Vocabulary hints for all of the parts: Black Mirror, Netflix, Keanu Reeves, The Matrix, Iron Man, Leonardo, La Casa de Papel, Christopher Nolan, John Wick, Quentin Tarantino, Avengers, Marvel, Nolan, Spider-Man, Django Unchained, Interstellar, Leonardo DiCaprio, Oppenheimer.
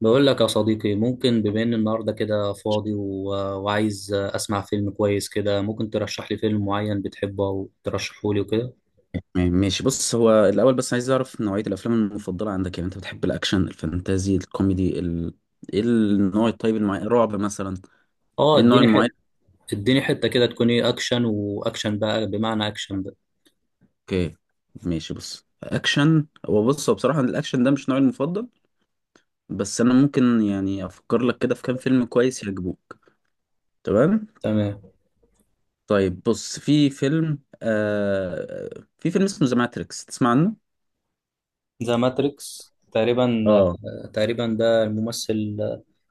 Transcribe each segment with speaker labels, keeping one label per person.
Speaker 1: بقول لك يا صديقي، ممكن بما ان النهارده كده فاضي و... وعايز اسمع فيلم كويس كده، ممكن ترشح لي فيلم معين بتحبه او ترشحه لي وكده؟
Speaker 2: تمام، ماشي. بص هو الأول بس عايز أعرف نوعية الأفلام المفضلة عندك. يعني أنت بتحب الأكشن الفانتازي الكوميدي إيه النوع الطيب المعين؟ رعب مثلا؟
Speaker 1: اه،
Speaker 2: إيه النوع
Speaker 1: اديني
Speaker 2: المعين؟
Speaker 1: حته. كده تكون ايه، اكشن. واكشن بقى، بمعنى اكشن بقى.
Speaker 2: أوكي ماشي. بص أكشن، هو بص هو بصراحة الأكشن ده مش نوعي المفضل. بس أنا ممكن يعني أفكر لك كده في كام فيلم كويس يعجبوك. تمام.
Speaker 1: تمام.
Speaker 2: طيب بص، في فيلم اسمه ذا ماتريكس، تسمع عنه؟
Speaker 1: ذا ماتريكس، تقريبا.
Speaker 2: اه،
Speaker 1: ده الممثل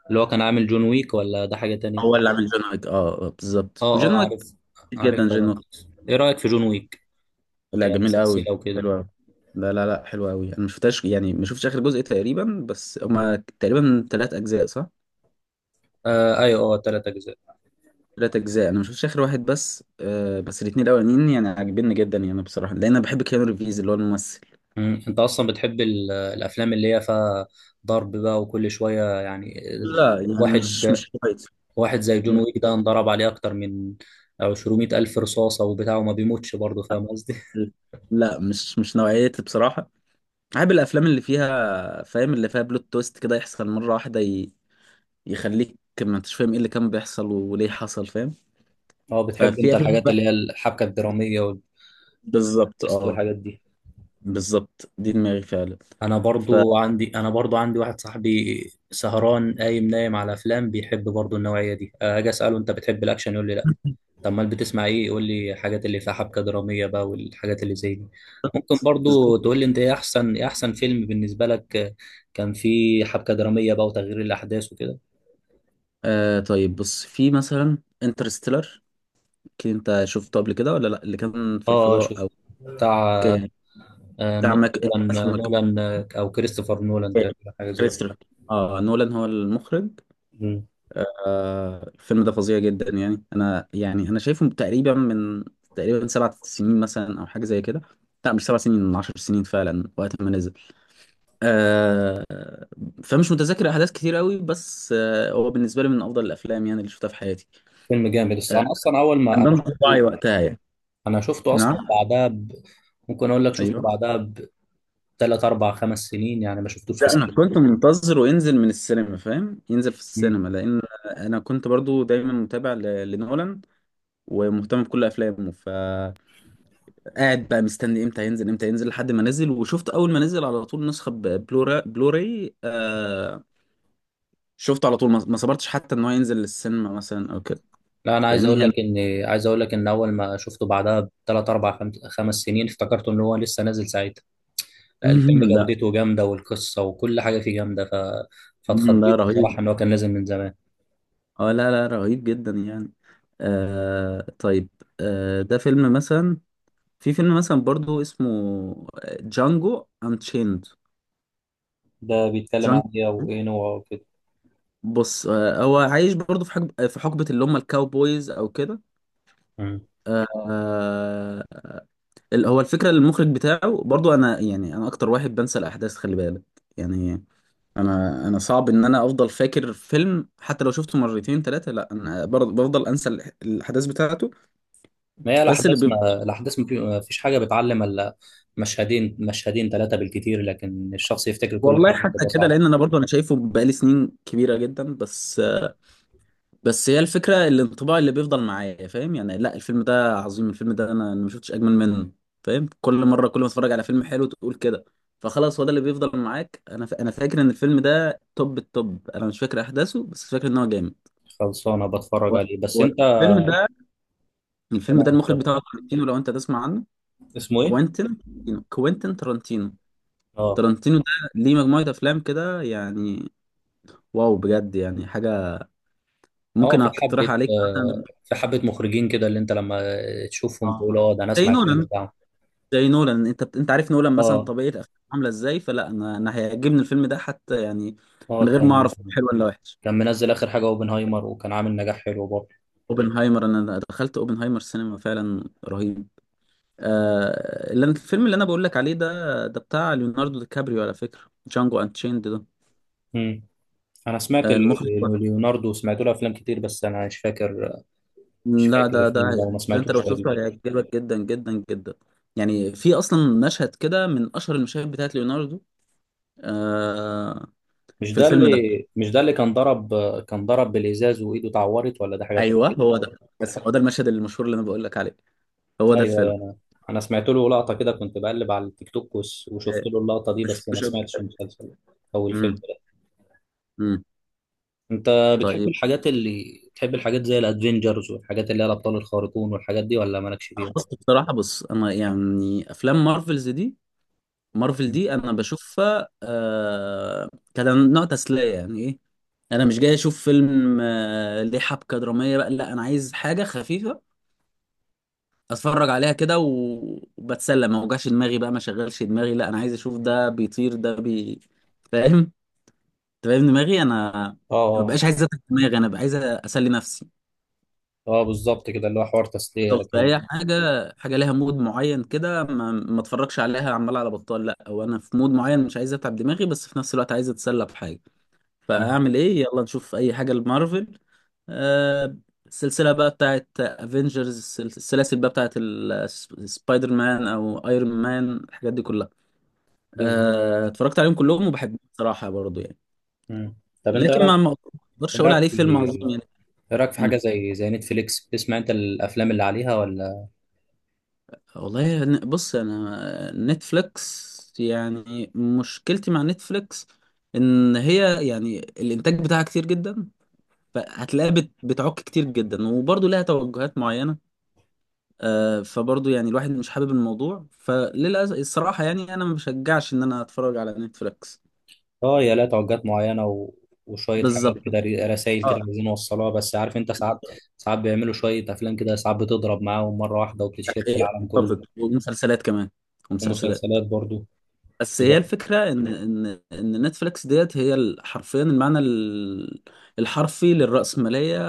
Speaker 1: اللي هو كان عامل جون ويك، ولا ده حاجة تانية؟
Speaker 2: هو اللي عامل جون ويك.
Speaker 1: اه
Speaker 2: بالظبط، وجون
Speaker 1: اه،
Speaker 2: ويك
Speaker 1: عارف.
Speaker 2: كتير جدا،
Speaker 1: عارفها
Speaker 2: جون ويك.
Speaker 1: ماتريكس. ايه رأيك في جون ويك
Speaker 2: لا جميل قوي.
Speaker 1: كسلسلة وكده؟
Speaker 2: حلو قوي. لا لا لا حلو قوي، انا ما شفتهاش، يعني ما شفتش اخر جزء تقريبا، بس هما تقريبا 3 اجزاء صح؟
Speaker 1: آه ايوه، اه، تلات اجزاء.
Speaker 2: 3 اجزاء، انا ما شفتش اخر واحد، بس الاثنين الاولانيين يعني عاجبني جدا يعني بصراحه، لان انا بحب كيانو ريفيز اللي هو الممثل.
Speaker 1: مم. انت اصلا بتحب الافلام اللي هي فيها ضرب بقى وكل شويه يعني؟
Speaker 2: لا يعني مش
Speaker 1: واحد
Speaker 2: مش كويس.
Speaker 1: واحد زي جون ويك ده، انضرب عليه اكتر من 200 الف رصاصه وبتاع، وما بيموتش برضه، فاهم قصدي؟
Speaker 2: لا مش نوعيتي بصراحه. بحب الافلام اللي فيها، فاهم، اللي فيها بلوت تويست كده يحصل مره واحده يخليك ما انتش فاهم ايه اللي كان بيحصل وليه حصل، فاهم.
Speaker 1: اه، بتحب
Speaker 2: ففي
Speaker 1: انت
Speaker 2: افلام
Speaker 1: الحاجات اللي هي
Speaker 2: بقى-
Speaker 1: الحبكه الدراميه
Speaker 2: بالظبط
Speaker 1: والتويست
Speaker 2: اه.
Speaker 1: والحاجات دي.
Speaker 2: بالظبط دي دماغي فعلا. ف
Speaker 1: انا برضو عندي واحد صاحبي سهران قايم نايم على افلام، بيحب برضو النوعيه دي. اجي اساله: انت بتحب الاكشن؟ يقول لي: طب امال بتسمع ايه؟ قول لي الحاجات اللي فيها حبكه دراميه بقى والحاجات اللي زي دي. ممكن
Speaker 2: بالظبط.
Speaker 1: برضو تقول لي انت ايه احسن فيلم بالنسبه لك، كان فيه حبكه دراميه بقى وتغيير الاحداث وكده.
Speaker 2: آه طيب، بص في مثلا انترستيلر. اكيد انت شفته قبل كده ولا لا؟ اللي كان في
Speaker 1: اه،
Speaker 2: الفضاء،
Speaker 1: شوف
Speaker 2: او
Speaker 1: بتاع
Speaker 2: كان
Speaker 1: آه،
Speaker 2: بتاع
Speaker 1: نو-
Speaker 2: ماك.
Speaker 1: نولان، او كريستوفر نولان، تقريبا حاجه زي كده.
Speaker 2: انترستيلر، اه نولان هو المخرج.
Speaker 1: مم.
Speaker 2: آه الفيلم ده فظيع جدا. يعني انا يعني انا شايفه تقريبا من 7 سنين مثلا او حاجه زي كده. لا مش سبع سنين، من 10 سنين فعلا، وقت ما نزل. آه فمش متذكر احداث كتير قوي، بس هو بالنسبه لي من افضل الافلام يعني اللي شفتها في حياتي.
Speaker 1: فيلم جامد، بس
Speaker 2: آه
Speaker 1: انا اصلا اول
Speaker 2: كان
Speaker 1: ما
Speaker 2: ده انطباعي وقتها يعني.
Speaker 1: انا شفته اصلا
Speaker 2: نعم.
Speaker 1: بعدها. ممكن اقول لك شفته
Speaker 2: ايوه.
Speaker 1: بعدها بثلاث اربع خمس سنين، يعني ما شفتوش في
Speaker 2: لا انا
Speaker 1: سنين.
Speaker 2: كنت منتظره ينزل من السينما، فاهم، ينزل في السينما، لان انا كنت برضو دايما متابع لنولان ومهتم بكل افلامه، فقاعد بقى مستني امتى ينزل امتى ينزل لحد ما نزل، وشفت اول ما نزل على طول نسخه بلوراي. آه شفته على طول، ما صبرتش حتى ان هو ينزل للسينما مثلا او كده.
Speaker 1: لا، انا
Speaker 2: فاهمني هنا.
Speaker 1: عايز اقول لك ان اول ما شفته بعدها بثلاث اربع خمس سنين، افتكرته ان هو لسه نازل ساعتها. لا، الفيلم
Speaker 2: لا.
Speaker 1: جودته جامده والقصه وكل حاجه فيه جامده،
Speaker 2: لا
Speaker 1: فاتخضيت
Speaker 2: رهيب.
Speaker 1: بصراحه ان هو كان نازل من زمان.
Speaker 2: اه لا لا رهيب جدا يعني. آه طيب. آه ده فيلم مثلا، في فيلم مثلا برضو اسمه جانجو انشيند.
Speaker 1: ده بيتكلم عن
Speaker 2: جانجو،
Speaker 1: ايه وايه نوعه وكده؟
Speaker 2: بص هو عايش برضو في حقبة اللي هم الكاوبويز او كده.
Speaker 1: مم.
Speaker 2: آه. هو الفكرة المخرج بتاعه برضو، انا يعني انا اكتر واحد بنسى الاحداث، خلي بالك. يعني انا صعب ان انا افضل فاكر فيلم، حتى لو شفته مرتين ثلاثة، لا انا برضو بفضل انسى الاحداث بتاعته.
Speaker 1: ما هي
Speaker 2: بس اللي
Speaker 1: الاحداث،
Speaker 2: بيبقى،
Speaker 1: ما فيش حاجه بتعلم الا مشهدين، ثلاثه بالكتير، لكن الشخص يفتكر كل
Speaker 2: والله
Speaker 1: حاجه
Speaker 2: حتى
Speaker 1: بتبقى
Speaker 2: كده، لان
Speaker 1: صعبه.
Speaker 2: انا برضو انا شايفه بقالي سنين كبيره جدا، بس بس هي الفكره، الانطباع اللي بيفضل معايا، فاهم يعني، لا الفيلم ده عظيم، الفيلم ده انا ما شفتش اجمل منه، فاهم. كل مره كل ما اتفرج على فيلم حلو تقول كده. فخلاص هو ده اللي بيفضل معاك. انا انا فاكر ان الفيلم ده توب التوب، انا مش فاكر احداثه بس فاكر ان هو جامد.
Speaker 1: خلصانه
Speaker 2: و...
Speaker 1: بتفرج عليه بس
Speaker 2: و...
Speaker 1: انت.
Speaker 2: الفيلم ده الفيلم
Speaker 1: تمام،
Speaker 2: ده المخرج
Speaker 1: اتفضل.
Speaker 2: بتاعه تارانتينو، لو انت تسمع عنه.
Speaker 1: اسمه ايه؟
Speaker 2: كوينتين كوينتين تارانتينو.
Speaker 1: اه
Speaker 2: تارانتينو ده ليه مجموعه افلام كده يعني، واو بجد، يعني حاجه
Speaker 1: اه،
Speaker 2: ممكن
Speaker 1: في
Speaker 2: اقترح
Speaker 1: حبة.
Speaker 2: عليك مثلا.
Speaker 1: مخرجين كده، اللي انت لما تشوفهم تقول:
Speaker 2: اه
Speaker 1: اه، ده انا
Speaker 2: زي
Speaker 1: اسمع الفيلم
Speaker 2: نولان.
Speaker 1: بتاعهم.
Speaker 2: زي نولان، انت عارف نولان مثلا
Speaker 1: اه
Speaker 2: طبيعه افلامه عامله ازاي، فلا انا هيعجبني الفيلم ده حتى، يعني من
Speaker 1: اه،
Speaker 2: غير ما اعرف
Speaker 1: كان
Speaker 2: هو حلو ولا وحش.
Speaker 1: كان منزل اخر حاجة اوبنهايمر، وكان عامل نجاح حلو برضه.
Speaker 2: اوبنهايمر، انا دخلت اوبنهايمر سينما فعلا رهيب. الفيلم اللي انا بقول لك عليه ده ده بتاع ليوناردو دي كابريو على فكره، جانجو انشيند ده.
Speaker 1: امم. انا سمعت
Speaker 2: آه المخرج.
Speaker 1: ليوناردو، سمعت له افلام كتير، بس انا مش فاكر. مش
Speaker 2: لا
Speaker 1: فاكر
Speaker 2: ده
Speaker 1: الفيلم ده وما
Speaker 2: ده انت لو
Speaker 1: سمعتوش تقريبا.
Speaker 2: شفته هيعجبك جدا جدا جدا. يعني في اصلا مشهد كده من اشهر المشاهد بتاعت ليوناردو، آه،
Speaker 1: مش
Speaker 2: في
Speaker 1: ده
Speaker 2: الفيلم
Speaker 1: اللي
Speaker 2: ده.
Speaker 1: مش ده اللي كان ضرب بالازاز وايده اتعورت، ولا ده حاجة
Speaker 2: ايوه
Speaker 1: تانية؟
Speaker 2: هو ده، بس هو ده المشهد المشهور اللي انا بقول لك عليه، هو
Speaker 1: ايوه
Speaker 2: ده الفيلم.
Speaker 1: أيوه. انا سمعت له لقطة كده، كنت بقلب على التيك توك، وشفت
Speaker 2: إيه،
Speaker 1: له اللقطة دي،
Speaker 2: مش
Speaker 1: بس ما
Speaker 2: شفتوش قبل
Speaker 1: سمعتش
Speaker 2: كده.
Speaker 1: المسلسل او
Speaker 2: امم.
Speaker 1: الفيلم.
Speaker 2: امم.
Speaker 1: انت بتحب
Speaker 2: طيب.
Speaker 1: الحاجات، اللي بتحب الحاجات زي الادفنجرز، والحاجات اللي هي الابطال الخارقون والحاجات دي، ولا مالكش فيها؟
Speaker 2: بص بصراحه انا يعني افلام مارفلز دي، مارفل
Speaker 1: مم.
Speaker 2: دي انا بشوفها كده نوع تسليه، يعني ايه، انا مش جاي اشوف فيلم ليه حبكه دراميه بقى، لا انا عايز حاجه خفيفه اتفرج عليها كده، وبتسلى، ما اوجعش دماغي بقى، ما شغلش دماغي، لا انا عايز اشوف ده بيطير ده فاهم، تبقى ابن دماغي انا.
Speaker 1: اه
Speaker 2: ما
Speaker 1: اه
Speaker 2: بقاش عايز اتعب دماغي، انا بقى عايز اسلي نفسي.
Speaker 1: اه، بالظبط كده اللي هو حوار تسلية
Speaker 2: بالظبط.
Speaker 1: لكن.
Speaker 2: فهي حاجه، حاجه ليها مود معين كده، ما اتفرجش عليها عمال على بطال، لا هو انا في مود معين مش عايز اتعب دماغي، بس في نفس الوقت عايز اتسلى بحاجه،
Speaker 1: مم.
Speaker 2: فاعمل ايه؟ يلا نشوف اي حاجه لمارفل. آه السلسله بقى بتاعت افنجرز، السلاسل بقى بتاعت سبايدر مان او ايرون مان، الحاجات دي كلها.
Speaker 1: بالظبط.
Speaker 2: آه اتفرجت عليهم كلهم وبحبهم بصراحه برضو يعني،
Speaker 1: مم. طب انت
Speaker 2: لكن ما اقدرش اقول عليه فيلم عظيم.
Speaker 1: ايه رايك في حاجه
Speaker 2: يعني
Speaker 1: زي نتفليكس، بتسمع انت الافلام اللي عليها ولا؟
Speaker 2: والله بص انا نتفليكس، يعني مشكلتي مع نتفليكس ان هي يعني الانتاج بتاعها كتير جدا، فهتلاقيها بتعك كتير جدا، وبرضه لها توجهات معينه آه، فبرضه يعني الواحد مش حابب الموضوع، فللاسف الصراحه يعني انا ما بشجعش ان انا اتفرج على نتفليكس.
Speaker 1: اه، يا لا، توجهات معينه وشويه حاجات
Speaker 2: بالظبط.
Speaker 1: كده، رسائل كده
Speaker 2: اه.
Speaker 1: عايزين نوصلها، بس عارف انت ساعات، بيعملوا شويه افلام كده ساعات بتضرب معاهم مره واحده وبتتشهر في
Speaker 2: أخي-
Speaker 1: العالم كله.
Speaker 2: ومسلسلات كمان. ومسلسلات.
Speaker 1: ومسلسلات برضو.
Speaker 2: بس هي الفكرة إن نتفليكس ديت هي حرفيا المعنى الحرفي للرأسمالية،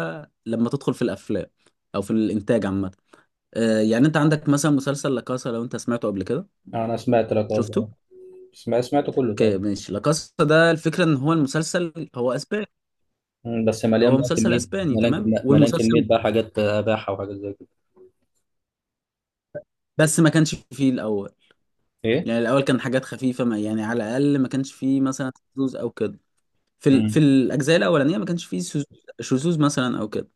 Speaker 2: لما تدخل في الأفلام، أو في الإنتاج عامة، آه، يعني أنت عندك مثلا مسلسل لاكاسا، لو أنت سمعته قبل كده.
Speaker 1: انا سمعت لك،
Speaker 2: شفته؟
Speaker 1: قصدي سمعت سمعته كله تقريبا.
Speaker 2: اوكي ماشي. لاكاسا ده الفكرة إن هو المسلسل هو أسباني.
Speaker 1: مم، بس مليان
Speaker 2: هو
Speaker 1: بقى
Speaker 2: مسلسل
Speaker 1: كميه،
Speaker 2: أسباني تمام،
Speaker 1: مليان
Speaker 2: والمسلسل
Speaker 1: كميه بقى حاجات اباحه وحاجات زي كده.
Speaker 2: بس ما كانش فيه الأول،
Speaker 1: ايه.
Speaker 2: يعني الأول كان حاجات خفيفة، ما يعني على الأقل ما كانش فيه مثلا شذوذ أو كده. في
Speaker 1: امم.
Speaker 2: الأجزاء الأولانية ما كانش فيه شذوذ، شذوذ مثلا أو كده.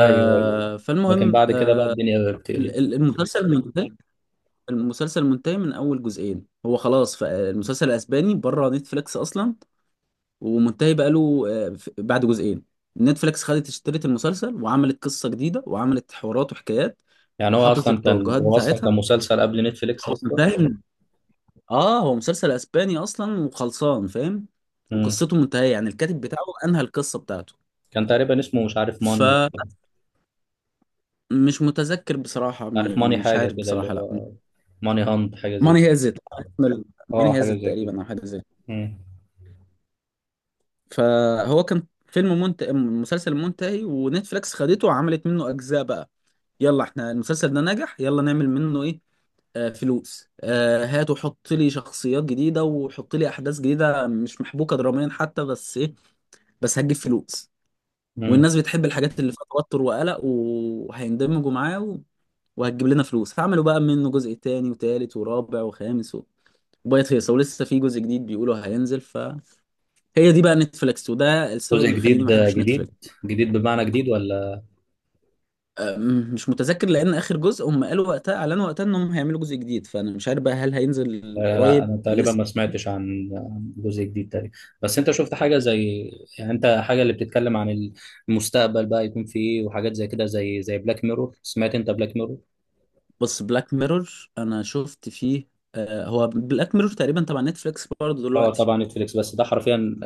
Speaker 1: ايوه ايوه، لكن
Speaker 2: فالمهم
Speaker 1: بعد كده
Speaker 2: آه،
Speaker 1: بقى الدنيا بتقلب.
Speaker 2: المسلسل الفكرة منتهي. المسلسل منتهي من اول جزئين هو خلاص، فالمسلسل الاسباني بره نتفليكس اصلا، ومنتهي بقاله، بعد جزئين نتفليكس اشترت المسلسل وعملت قصة جديدة وعملت حوارات وحكايات،
Speaker 1: يعني
Speaker 2: وحطت التوجهات
Speaker 1: هو اصلا
Speaker 2: بتاعتها.
Speaker 1: كان مسلسل قبل نتفليكس
Speaker 2: هو
Speaker 1: اصلا.
Speaker 2: منتهي اه هو مسلسل اسباني اصلا وخلصان، فاهم،
Speaker 1: امم.
Speaker 2: وقصته منتهية، يعني الكاتب بتاعه انهى القصة بتاعته.
Speaker 1: كان تقريبا اسمه
Speaker 2: فمش متذكر بصراحة،
Speaker 1: مش عارف
Speaker 2: يعني
Speaker 1: ماني
Speaker 2: مش
Speaker 1: حاجه
Speaker 2: عارف
Speaker 1: كده، اللي
Speaker 2: بصراحة، لا.
Speaker 1: هو ماني هانت حاجه زي
Speaker 2: ماني
Speaker 1: كده.
Speaker 2: هيزت
Speaker 1: اه،
Speaker 2: ماني
Speaker 1: حاجه
Speaker 2: هيزت
Speaker 1: زي كده.
Speaker 2: تقريبا او حاجه زي كده.
Speaker 1: امم.
Speaker 2: فهو كان مسلسل منتهي، ونتفليكس خدته وعملت منه اجزاء بقى، يلا احنا المسلسل ده نجح، يلا نعمل منه ايه، فلوس، هات وحط لي شخصيات جديده وحط لي احداث جديده مش محبوكه دراميا حتى، بس ايه، بس هتجيب فلوس،
Speaker 1: امم.
Speaker 2: والناس بتحب الحاجات اللي فيها توتر وقلق وهيندمجوا معاه وهتجيب لنا فلوس، فعملوا بقى منه جزء تاني وتالت ورابع وخامس وبقت هيصة، ولسه في جزء جديد بيقولوا هينزل، هي دي بقى نتفليكس، وده السبب
Speaker 1: جزء
Speaker 2: اللي مخليني ما
Speaker 1: جديد
Speaker 2: احبش
Speaker 1: جديد،
Speaker 2: نتفليكس.
Speaker 1: جديد بمعنى جديد ولا؟
Speaker 2: مش متذكر، لان اخر جزء هم قالوا وقتها اعلنوا وقتها انهم هيعملوا جزء جديد، فانا مش عارف بقى هل هينزل
Speaker 1: لا،
Speaker 2: قريب
Speaker 1: انا تقريبا
Speaker 2: لسه.
Speaker 1: ما سمعتش عن جزء جديد تقريبا. بس انت شفت حاجه زي، يعني انت حاجه اللي بتتكلم عن المستقبل بقى يكون في ايه وحاجات زي كده، زي بلاك ميرور، سمعت انت بلاك ميرور؟
Speaker 2: بس بلاك ميرور انا شفت فيه، هو بلاك ميرور تقريبا تبع نتفليكس برضه
Speaker 1: اه
Speaker 2: دلوقتي.
Speaker 1: طبعا، نتفليكس، بس ده حرفيا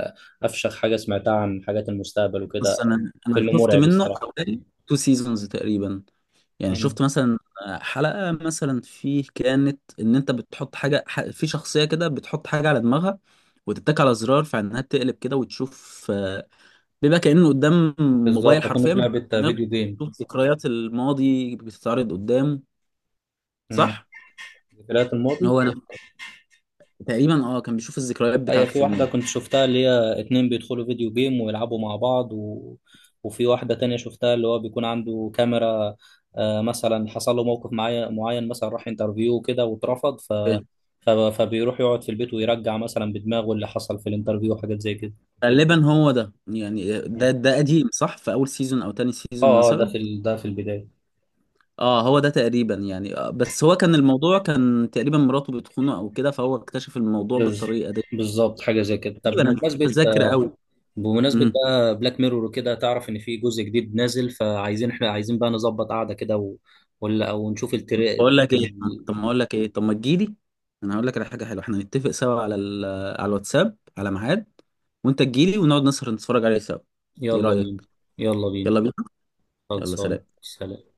Speaker 1: افشخ حاجه سمعتها عن حاجات المستقبل وكده،
Speaker 2: بس انا
Speaker 1: فيلم
Speaker 2: شفت
Speaker 1: مرعب
Speaker 2: منه
Speaker 1: الصراحه.
Speaker 2: حوالي تو سيزونز تقريبا، يعني
Speaker 1: مم.
Speaker 2: شفت مثلا حلقة مثلا فيه، كانت ان انت بتحط حاجة في شخصية كده، بتحط حاجة على دماغها وتتك على زرار، فانها تقلب كده وتشوف، آه، بيبقى كأنه قدام
Speaker 1: بالظبط،
Speaker 2: موبايل
Speaker 1: كنا
Speaker 2: حرفيا،
Speaker 1: في
Speaker 2: بس
Speaker 1: لعبه فيديو
Speaker 2: دماغه
Speaker 1: جيم.
Speaker 2: بتشوف ذكريات الماضي بتتعرض قدامه،
Speaker 1: مم.
Speaker 2: صح؟
Speaker 1: ذكريات الماضي.
Speaker 2: هو، انا تقريبا، كان بيشوف الذكريات
Speaker 1: هي
Speaker 2: بتاعته
Speaker 1: في
Speaker 2: في
Speaker 1: واحدة
Speaker 2: الماضي.
Speaker 1: كنت شفتها اللي هي اتنين بيدخلوا فيديو جيم ويلعبوا مع بعض، وفي واحدة تانية شفتها اللي هو بيكون عنده كاميرا. مثلا حصل له موقف معين، مثلا راح انترفيو كده واترفض،
Speaker 2: أوكي.
Speaker 1: فبيروح يقعد في البيت ويرجع مثلا بدماغه اللي حصل في الانترفيو وحاجات زي كده.
Speaker 2: غالبا هو ده، يعني ده قديم صح، في اول سيزون او تاني سيزون
Speaker 1: اه اه، ده
Speaker 2: مثلا.
Speaker 1: في البداية.
Speaker 2: اه هو ده تقريبا يعني، بس هو كان الموضوع تقريبا مراته بتخونه او كده، فهو اكتشف الموضوع
Speaker 1: بز...
Speaker 2: بالطريقه دي،
Speaker 1: بالظبط حاجة زي كده. طب
Speaker 2: تقريبا انا مش متذكر قوي.
Speaker 1: بمناسبة بقى بلاك ميرور وكده، تعرف إن في جزء جديد نازل؟ إحنا عايزين بقى نظبط قعدة كده ولا أو نشوف التري
Speaker 2: بقول لك ايه،
Speaker 1: ال...
Speaker 2: طب ما اقول لك ايه، طب ما تجيلي، انا هقول لك على حاجه حلوه، احنا نتفق سوا على على الواتساب على ميعاد، وانت تجيلي ونقعد نسهر نتفرج عليه سوا. ايه
Speaker 1: يلا بينا.
Speaker 2: رايك؟
Speaker 1: يلا بينا.
Speaker 2: يلا بينا. يلا
Speaker 1: خلصان،
Speaker 2: سلام.
Speaker 1: سلام.